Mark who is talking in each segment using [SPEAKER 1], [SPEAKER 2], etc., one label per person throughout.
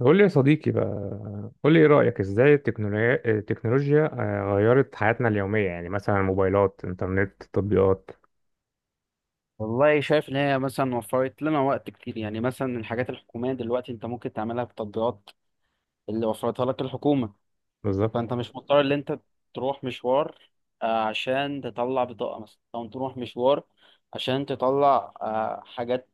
[SPEAKER 1] قول لي يا صديقي بقى، قول لي ايه رأيك، ازاي التكنولوجيا غيرت حياتنا اليومية؟ يعني مثلا موبايلات، انترنت، تطبيقات.
[SPEAKER 2] والله شايف ان هي مثلا وفرت لنا وقت كتير، يعني مثلا الحاجات الحكوميه دلوقتي انت ممكن تعملها بتطبيقات اللي وفرتها لك الحكومه.
[SPEAKER 1] بالظبط،
[SPEAKER 2] فانت مش مضطر ان انت تروح مشوار عشان تطلع بطاقه مثلا، او تروح مشوار عشان تطلع حاجات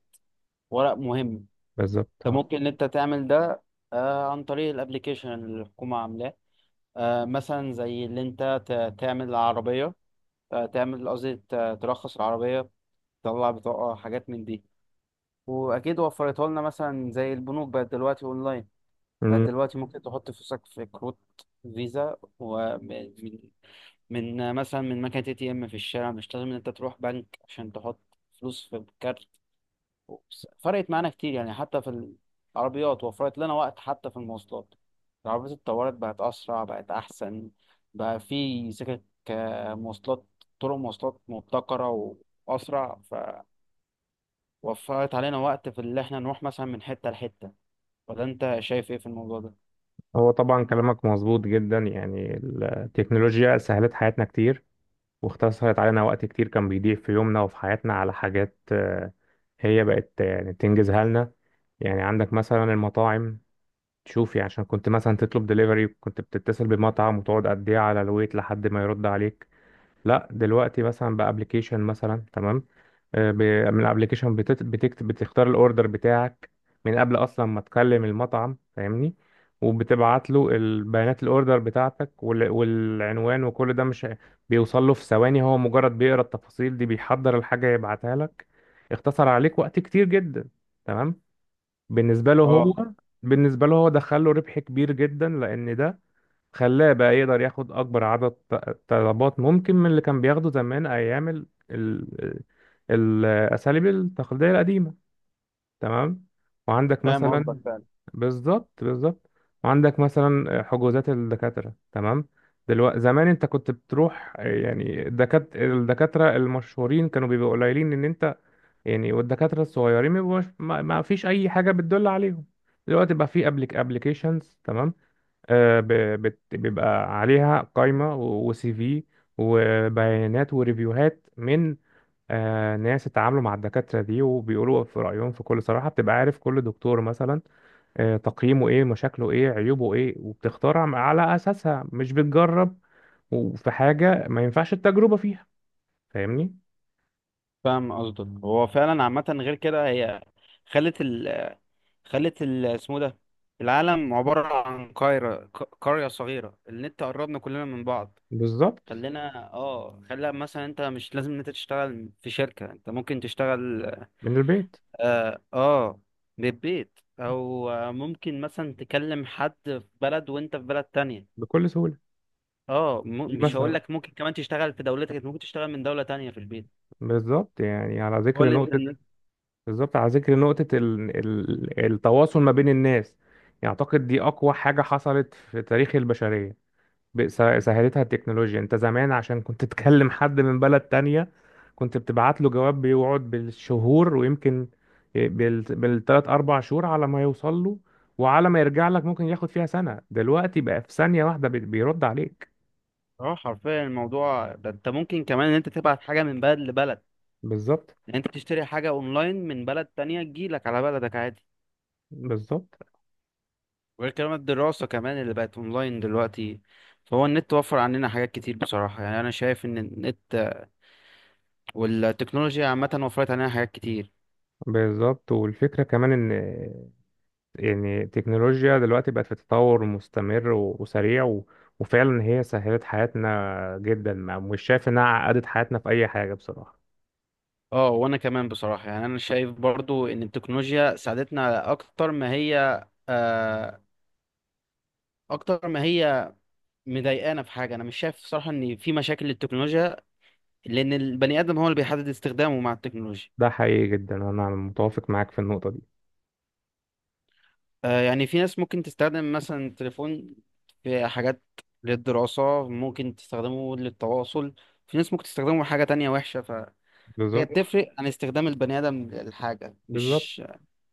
[SPEAKER 2] ورق مهم.
[SPEAKER 1] بالظبط،
[SPEAKER 2] انت
[SPEAKER 1] اه.
[SPEAKER 2] ممكن ان انت تعمل ده عن طريق الابليكيشن اللي الحكومه عاملاه، مثلا زي اللي انت تعمل العربيه، تعمل قصدي ترخص العربيه، تطلع بطاقه، حاجات من دي. واكيد وفرتها لنا، مثلا زي البنوك بقت دلوقتي اونلاين، بقت
[SPEAKER 1] أمم.
[SPEAKER 2] دلوقتي ممكن تحط فلوسك في كروت فيزا، ومن من من مثلا من مكنه اي تي ام في الشارع، مش لازم ان انت تروح بنك عشان تحط فلوس في كارت. فرقت معانا كتير، يعني حتى في العربيات وفرت لنا وقت، حتى في المواصلات. العربيات اتطورت، بقت اسرع بقت احسن، بقى في سكك، مواصلات، طرق مواصلات مبتكره واسرع، وفرت علينا وقت في اللي احنا نروح مثلا من حتة لحتة. ولا انت شايف ايه في الموضوع ده؟
[SPEAKER 1] هو طبعا كلامك مظبوط جدا، يعني التكنولوجيا سهلت حياتنا كتير، واختصرت علينا وقت كتير كان بيضيع في يومنا وفي حياتنا على حاجات. هي بقت يعني تنجزها لنا. يعني عندك مثلا المطاعم، شوفي عشان كنت مثلا تطلب دليفري، كنت بتتصل بمطعم وتقعد قد ايه على الويت لحد ما يرد عليك. لا دلوقتي مثلا بابلكيشن مثلا، تمام؟ آه، ب- من الابلكيشن بتكتب، بتختار الاوردر بتاعك من قبل اصلا ما تكلم المطعم، فاهمني؟ وبتبعت له البيانات، الاوردر بتاعتك والعنوان وكل ده، مش بيوصل له في ثواني؟ هو مجرد بيقرا التفاصيل دي، بيحضر الحاجه، يبعتها لك. اختصر عليك وقت كتير جدا، تمام؟ بالنسبه له
[SPEAKER 2] اه،
[SPEAKER 1] هو، بالنسبه له هو دخل له ربح كبير جدا، لان ده خلاه بقى يقدر ياخد أكبر عدد طلبات ممكن من اللي كان بياخده زمان، أيام الأساليب التقليدية القديمة، تمام؟ وعندك
[SPEAKER 2] فاهم
[SPEAKER 1] مثلا
[SPEAKER 2] قصدك
[SPEAKER 1] مم.
[SPEAKER 2] فعلا.
[SPEAKER 1] بالظبط، بالظبط. وعندك مثلا حجوزات الدكاترة، تمام؟ دلوقتي، زمان انت كنت بتروح يعني الدكاترة المشهورين كانوا بيبقوا قليلين ان انت يعني، والدكاترة الصغيرين ما بيبقوش- ما ما فيش اي حاجة بتدل عليهم. دلوقتي بقى في ابليكيشنز، تمام؟ آه، ب- بيبقى عليها قائمة وسي في، وبيانات وريفيوهات من ناس اتعاملوا مع الدكاترة دي وبيقولوا في رأيهم في كل صراحة، بتبقى عارف كل دكتور مثلا تقييمه ايه، مشاكله ايه، عيوبه ايه، وبتختارها على أساسها، مش بتجرب. وفي حاجة ما ينفعش التجربة فيها، فاهمني؟
[SPEAKER 2] فاهم قصدك، هو فعلا عامة، غير كده هي خلت ال خلت ال اسمه ده، العالم عبارة عن قرية صغيرة، النت قربنا كلنا من بعض.
[SPEAKER 1] بالظبط.
[SPEAKER 2] خلينا اه خلى مثلا، انت مش لازم ان انت تشتغل في شركة، انت ممكن تشتغل.
[SPEAKER 1] من البيت.
[SPEAKER 2] اه، من البيت، او ممكن مثلا تكلم حد في بلد وانت في بلد تانية.
[SPEAKER 1] بكل سهولة.
[SPEAKER 2] اه،
[SPEAKER 1] دي
[SPEAKER 2] مش
[SPEAKER 1] مثلا،
[SPEAKER 2] هقول
[SPEAKER 1] بالظبط.
[SPEAKER 2] لك ممكن كمان تشتغل في دولتك، انت ممكن تشتغل من دولة تانية في البيت.
[SPEAKER 1] بالظبط، يعني على
[SPEAKER 2] هو
[SPEAKER 1] ذكر
[SPEAKER 2] اللي انت
[SPEAKER 1] نقطة.
[SPEAKER 2] إن-
[SPEAKER 1] بالظبط، على ذكر نقطة التواصل ما بين الناس، يعني أعتقد دي أقوى حاجة حصلت في تاريخ البشرية، سهلتها التكنولوجيا. أنت زمان عشان كنت تكلم حد من بلد تانية، كنت بتبعت له جواب بيقعد بالشهور، ويمكن بالتلات أربع شهور على ما يوصل له، وعلى ما يرجع لك ممكن ياخد فيها سنة. دلوقتي بقى في ثانية واحدة بيرد عليك.
[SPEAKER 2] اه، حرفيا الموضوع ده، انت ممكن كمان ان انت تبعت حاجة من بلد لبلد.
[SPEAKER 1] بالظبط.
[SPEAKER 2] يعني انت تشتري حاجة اونلاين من بلد تانية تجيلك على بلدك عادي.
[SPEAKER 1] بالظبط،
[SPEAKER 2] وغير كمان الدراسة كمان اللي بقت اونلاين دلوقتي. فهو النت وفر عننا حاجات كتير بصراحة، يعني انا شايف ان النت والتكنولوجيا عامة وفرت علينا حاجات كتير.
[SPEAKER 1] بالظبط. والفكرة كمان، يعني التكنولوجيا دلوقتي بقت في تطور مستمر وسريع وفعلا هي سهلت حياتنا جدا، ما مش شايف انها عقدت حياتنا في اي حاجة بصراحة.
[SPEAKER 2] اه، وانا كمان بصراحة، يعني انا شايف برضو ان التكنولوجيا ساعدتنا آه، اكتر ما هي مضايقانا في حاجه. انا مش شايف صراحه ان في مشاكل للتكنولوجيا، لان البني ادم هو اللي بيحدد استخدامه مع التكنولوجيا.
[SPEAKER 1] ده حقيقي جدا، انا متوافق معاك في النقطة دي.
[SPEAKER 2] يعني في ناس ممكن تستخدم مثلا التليفون في حاجات للدراسه، ممكن تستخدمه للتواصل. في ناس ممكن تستخدمه في حاجه تانية وحشه، فهي
[SPEAKER 1] بالظبط،
[SPEAKER 2] بتفرق عن استخدام البني ادم للحاجه، مش...
[SPEAKER 1] بالظبط.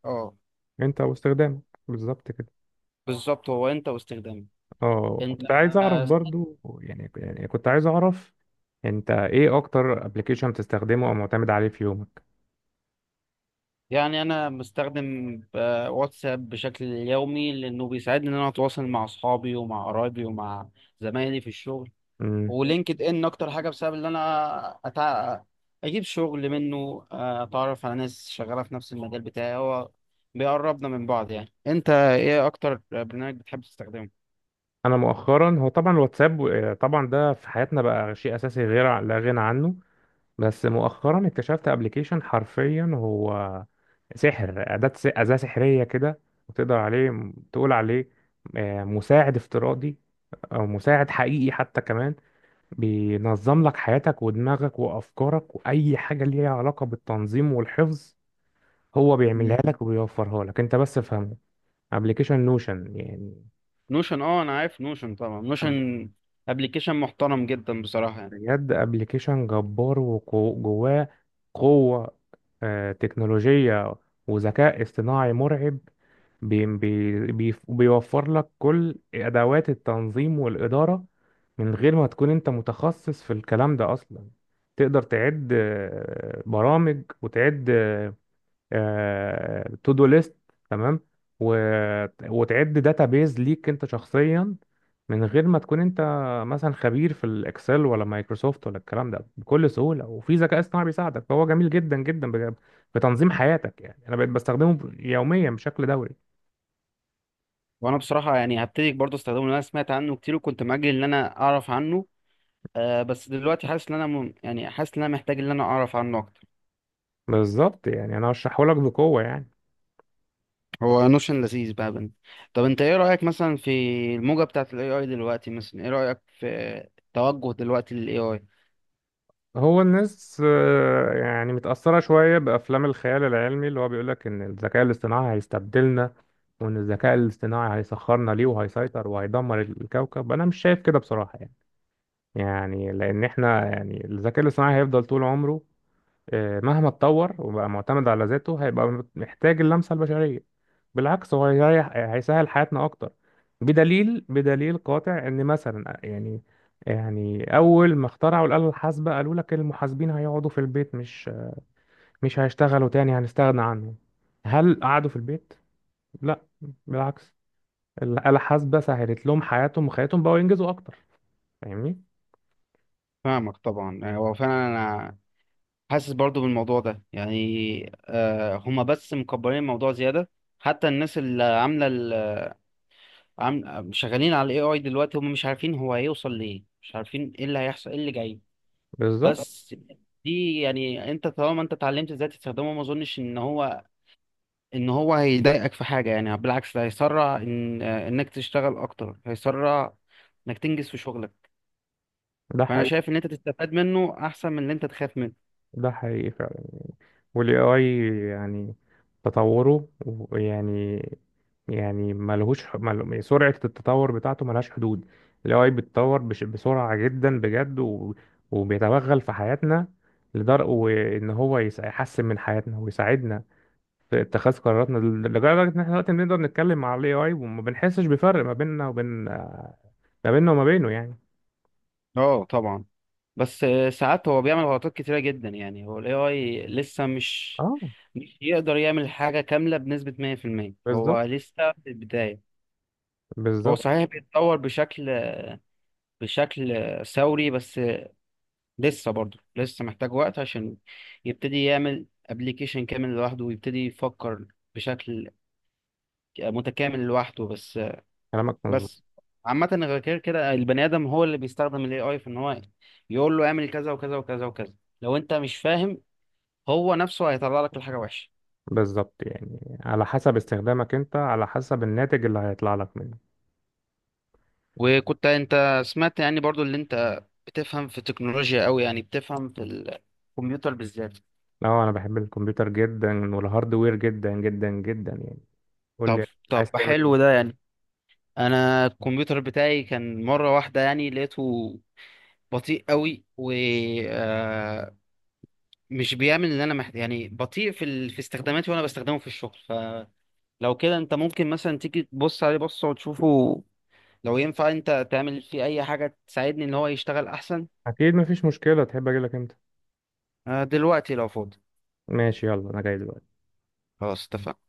[SPEAKER 2] اه،
[SPEAKER 1] انت واستخدامك. بالظبط كده.
[SPEAKER 2] بالظبط، هو انت واستخدامه.
[SPEAKER 1] اه،
[SPEAKER 2] انت
[SPEAKER 1] كنت عايز اعرف برضو، يعني كنت عايز اعرف، انت ايه اكتر ابلكيشن بتستخدمه او معتمد عليه في يومك؟
[SPEAKER 2] يعني انا بستخدم واتساب بشكل يومي، لانه بيساعدني ان انا اتواصل مع اصحابي ومع قرايبي ومع زمايلي في الشغل.
[SPEAKER 1] امم.
[SPEAKER 2] ولينكد ان اكتر حاجه، بسبب ان انا أتع... اجيب شغل منه، اتعرف على ناس شغاله في نفس المجال بتاعي، هو بيقربنا من بعض. يعني انت ايه اكتر برنامج بتحب تستخدمه؟
[SPEAKER 1] انا مؤخرا، هو طبعا الواتساب، طبعا ده في حياتنا بقى شيء اساسي غير لا غنى عنه. بس مؤخرا اكتشفت ابلكيشن، حرفيا هو سحر، أداة سحرية كده، وتقدر تقول عليه مساعد افتراضي، أو مساعد حقيقي حتى كمان. بينظم لك حياتك ودماغك وأفكارك، وأي حاجة ليها علاقة بالتنظيم والحفظ، هو بيعملها
[SPEAKER 2] مم.
[SPEAKER 1] لك وبيوفرها لك، أنت بس افهمه. ابلكيشن نوشن يعني.
[SPEAKER 2] نوشن، اه، انا عارف نوشن طبعا، نوشن ابلكيشن محترم جدا بصراحه، يعني...
[SPEAKER 1] بجد ابلكيشن جبار، وجواه قوة تكنولوجية وذكاء اصطناعي مرعب. بي بي بي بيوفر لك كل أدوات التنظيم والإدارة من غير ما تكون أنت متخصص في الكلام ده أصلا. تقدر تعد برامج، وتعد تو دو ليست، تمام؟ و... وتعد داتا بيز ليك انت شخصيا، من غير ما تكون انت مثلا خبير في الاكسل ولا مايكروسوفت ولا الكلام ده، بكل سهوله، وفي ذكاء اصطناعي بيساعدك. فهو جميل جدا في تنظيم حياتك. يعني انا بقيت بستخدمه يوميا بشكل دوري.
[SPEAKER 2] وانا بصراحه يعني هبتدي برضه استخدمه، لأن انا سمعت عنه كتير، وكنت مأجل ان انا اعرف عنه. بس دلوقتي حاسس ان انا يعني حاسس ان انا محتاج ان انا اعرف عنه اكتر.
[SPEAKER 1] بالظبط، يعني انا هشرحه لك بقوه يعني.
[SPEAKER 2] هو نوشن لذيذ بقى بنت. طب انت ايه رأيك مثلا في الموجة بتاعة الاي اي دلوقتي؟ مثلا ايه رأيك في توجه دلوقتي للاي اي؟
[SPEAKER 1] هو الناس يعني متأثرة شوية بأفلام الخيال العلمي، اللي هو بيقولك إن الذكاء الاصطناعي هيستبدلنا، وإن الذكاء الاصطناعي هيسخرنا ليه، وهيسيطر، وهيدمر الكوكب. أنا مش شايف كده بصراحة، يعني لأن إحنا يعني الذكاء الاصطناعي هيفضل طول عمره، مهما اتطور وبقى معتمد على ذاته، هيبقى محتاج اللمسة البشرية. بالعكس، هو هيريح، هيسهل حياتنا أكتر. بدليل، بدليل قاطع، إن مثلا يعني، يعني أول ما اخترعوا الآلة الحاسبة، قالوا لك المحاسبين هيقعدوا في البيت، مش هيشتغلوا تاني، هنستغنى عنهم. هل قعدوا في البيت؟ لا، بالعكس، الآلة الحاسبة سهلت لهم حياتهم، وخياتهم بقوا ينجزوا أكتر. فاهمني؟
[SPEAKER 2] فاهمك طبعا، يعني هو فعلا، انا حاسس برضو بالموضوع ده، يعني هما بس مكبرين الموضوع زيادة. حتى الناس اللي شغالين على الاي اي دلوقتي هم مش عارفين هو هيوصل لإيه، مش عارفين ايه اللي هيحصل ايه اللي جاي.
[SPEAKER 1] بالظبط.
[SPEAKER 2] بس دي يعني، انت طالما انت اتعلمت ازاي تستخدمه، ما اظنش ان هو هيضايقك في حاجه، يعني بالعكس، ده هيسرع ان انك تشتغل اكتر، هيسرع انك تنجز في شغلك.
[SPEAKER 1] ده
[SPEAKER 2] فانا
[SPEAKER 1] حقيقي.
[SPEAKER 2] شايف ان انت تستفاد منه احسن من ان انت تخاف منه.
[SPEAKER 1] فعلا. والاي اي يعني تطوره يعني، يعني سرعة التطور بتاعته ملهاش حدود. ال AI بيتطور بسرعة جدا بجد، وبيتوغل في حياتنا، لدرجة وإن هو يحسن من حياتنا ويساعدنا في اتخاذ قراراتنا، لدرجة إن إحنا دلوقتي بنقدر نتكلم مع ال AI وما بنحسش بفرق ما بيننا وما بينه يعني.
[SPEAKER 2] اه طبعا. بس ساعات هو بيعمل غلطات كتيره جدا، يعني هو الاي اي لسه مش
[SPEAKER 1] اه،
[SPEAKER 2] مش يقدر يعمل حاجه كامله بنسبه 100%،
[SPEAKER 1] بالظبط،
[SPEAKER 2] هو لسه في البدايه. هو
[SPEAKER 1] بالظبط.
[SPEAKER 2] صحيح بيتطور بشكل ثوري، بس... لسه محتاج وقت عشان يبتدي يعمل ابلكيشن كامل لوحده، ويبتدي يفكر بشكل متكامل لوحده، بس...
[SPEAKER 1] كلامك مظبوط،
[SPEAKER 2] بس عامة، غير كده البني آدم هو اللي بيستخدم ال AI في إن هو يقول له اعمل كذا وكذا وكذا وكذا. لو أنت مش فاهم، هو نفسه هيطلع لك الحاجة وحشة.
[SPEAKER 1] بالظبط. يعني على حسب استخدامك انت، على حسب الناتج اللي هيطلع لك منه.
[SPEAKER 2] وكنت أنت سمعت يعني برضو اللي أنت بتفهم في التكنولوجيا أوي، يعني بتفهم في الكمبيوتر بالذات؟
[SPEAKER 1] لا، انا بحب الكمبيوتر جدا، والهاردوير جدا جدا جدا يعني. قول
[SPEAKER 2] طب
[SPEAKER 1] لي،
[SPEAKER 2] طب
[SPEAKER 1] عايز تعمل
[SPEAKER 2] حلو
[SPEAKER 1] ايه؟
[SPEAKER 2] ده يعني. أنا الكمبيوتر بتاعي كان مرة واحدة يعني لقيته بطيء قوي، ومش بيعمل اللي انا محتاج، يعني بطيء في استخداماتي، وانا بستخدمه في الشغل، فلو كده انت ممكن مثلا تيجي تبص عليه بصه وتشوفه لو ينفع انت تعمل فيه اي حاجة تساعدني ان هو يشتغل احسن.
[SPEAKER 1] اكيد مفيش مشكلة، تحب اجي لك امتى؟
[SPEAKER 2] دلوقتي لو فاضي.
[SPEAKER 1] ماشي، يلا انا جاي دلوقتي.
[SPEAKER 2] خلاص، اتفقنا.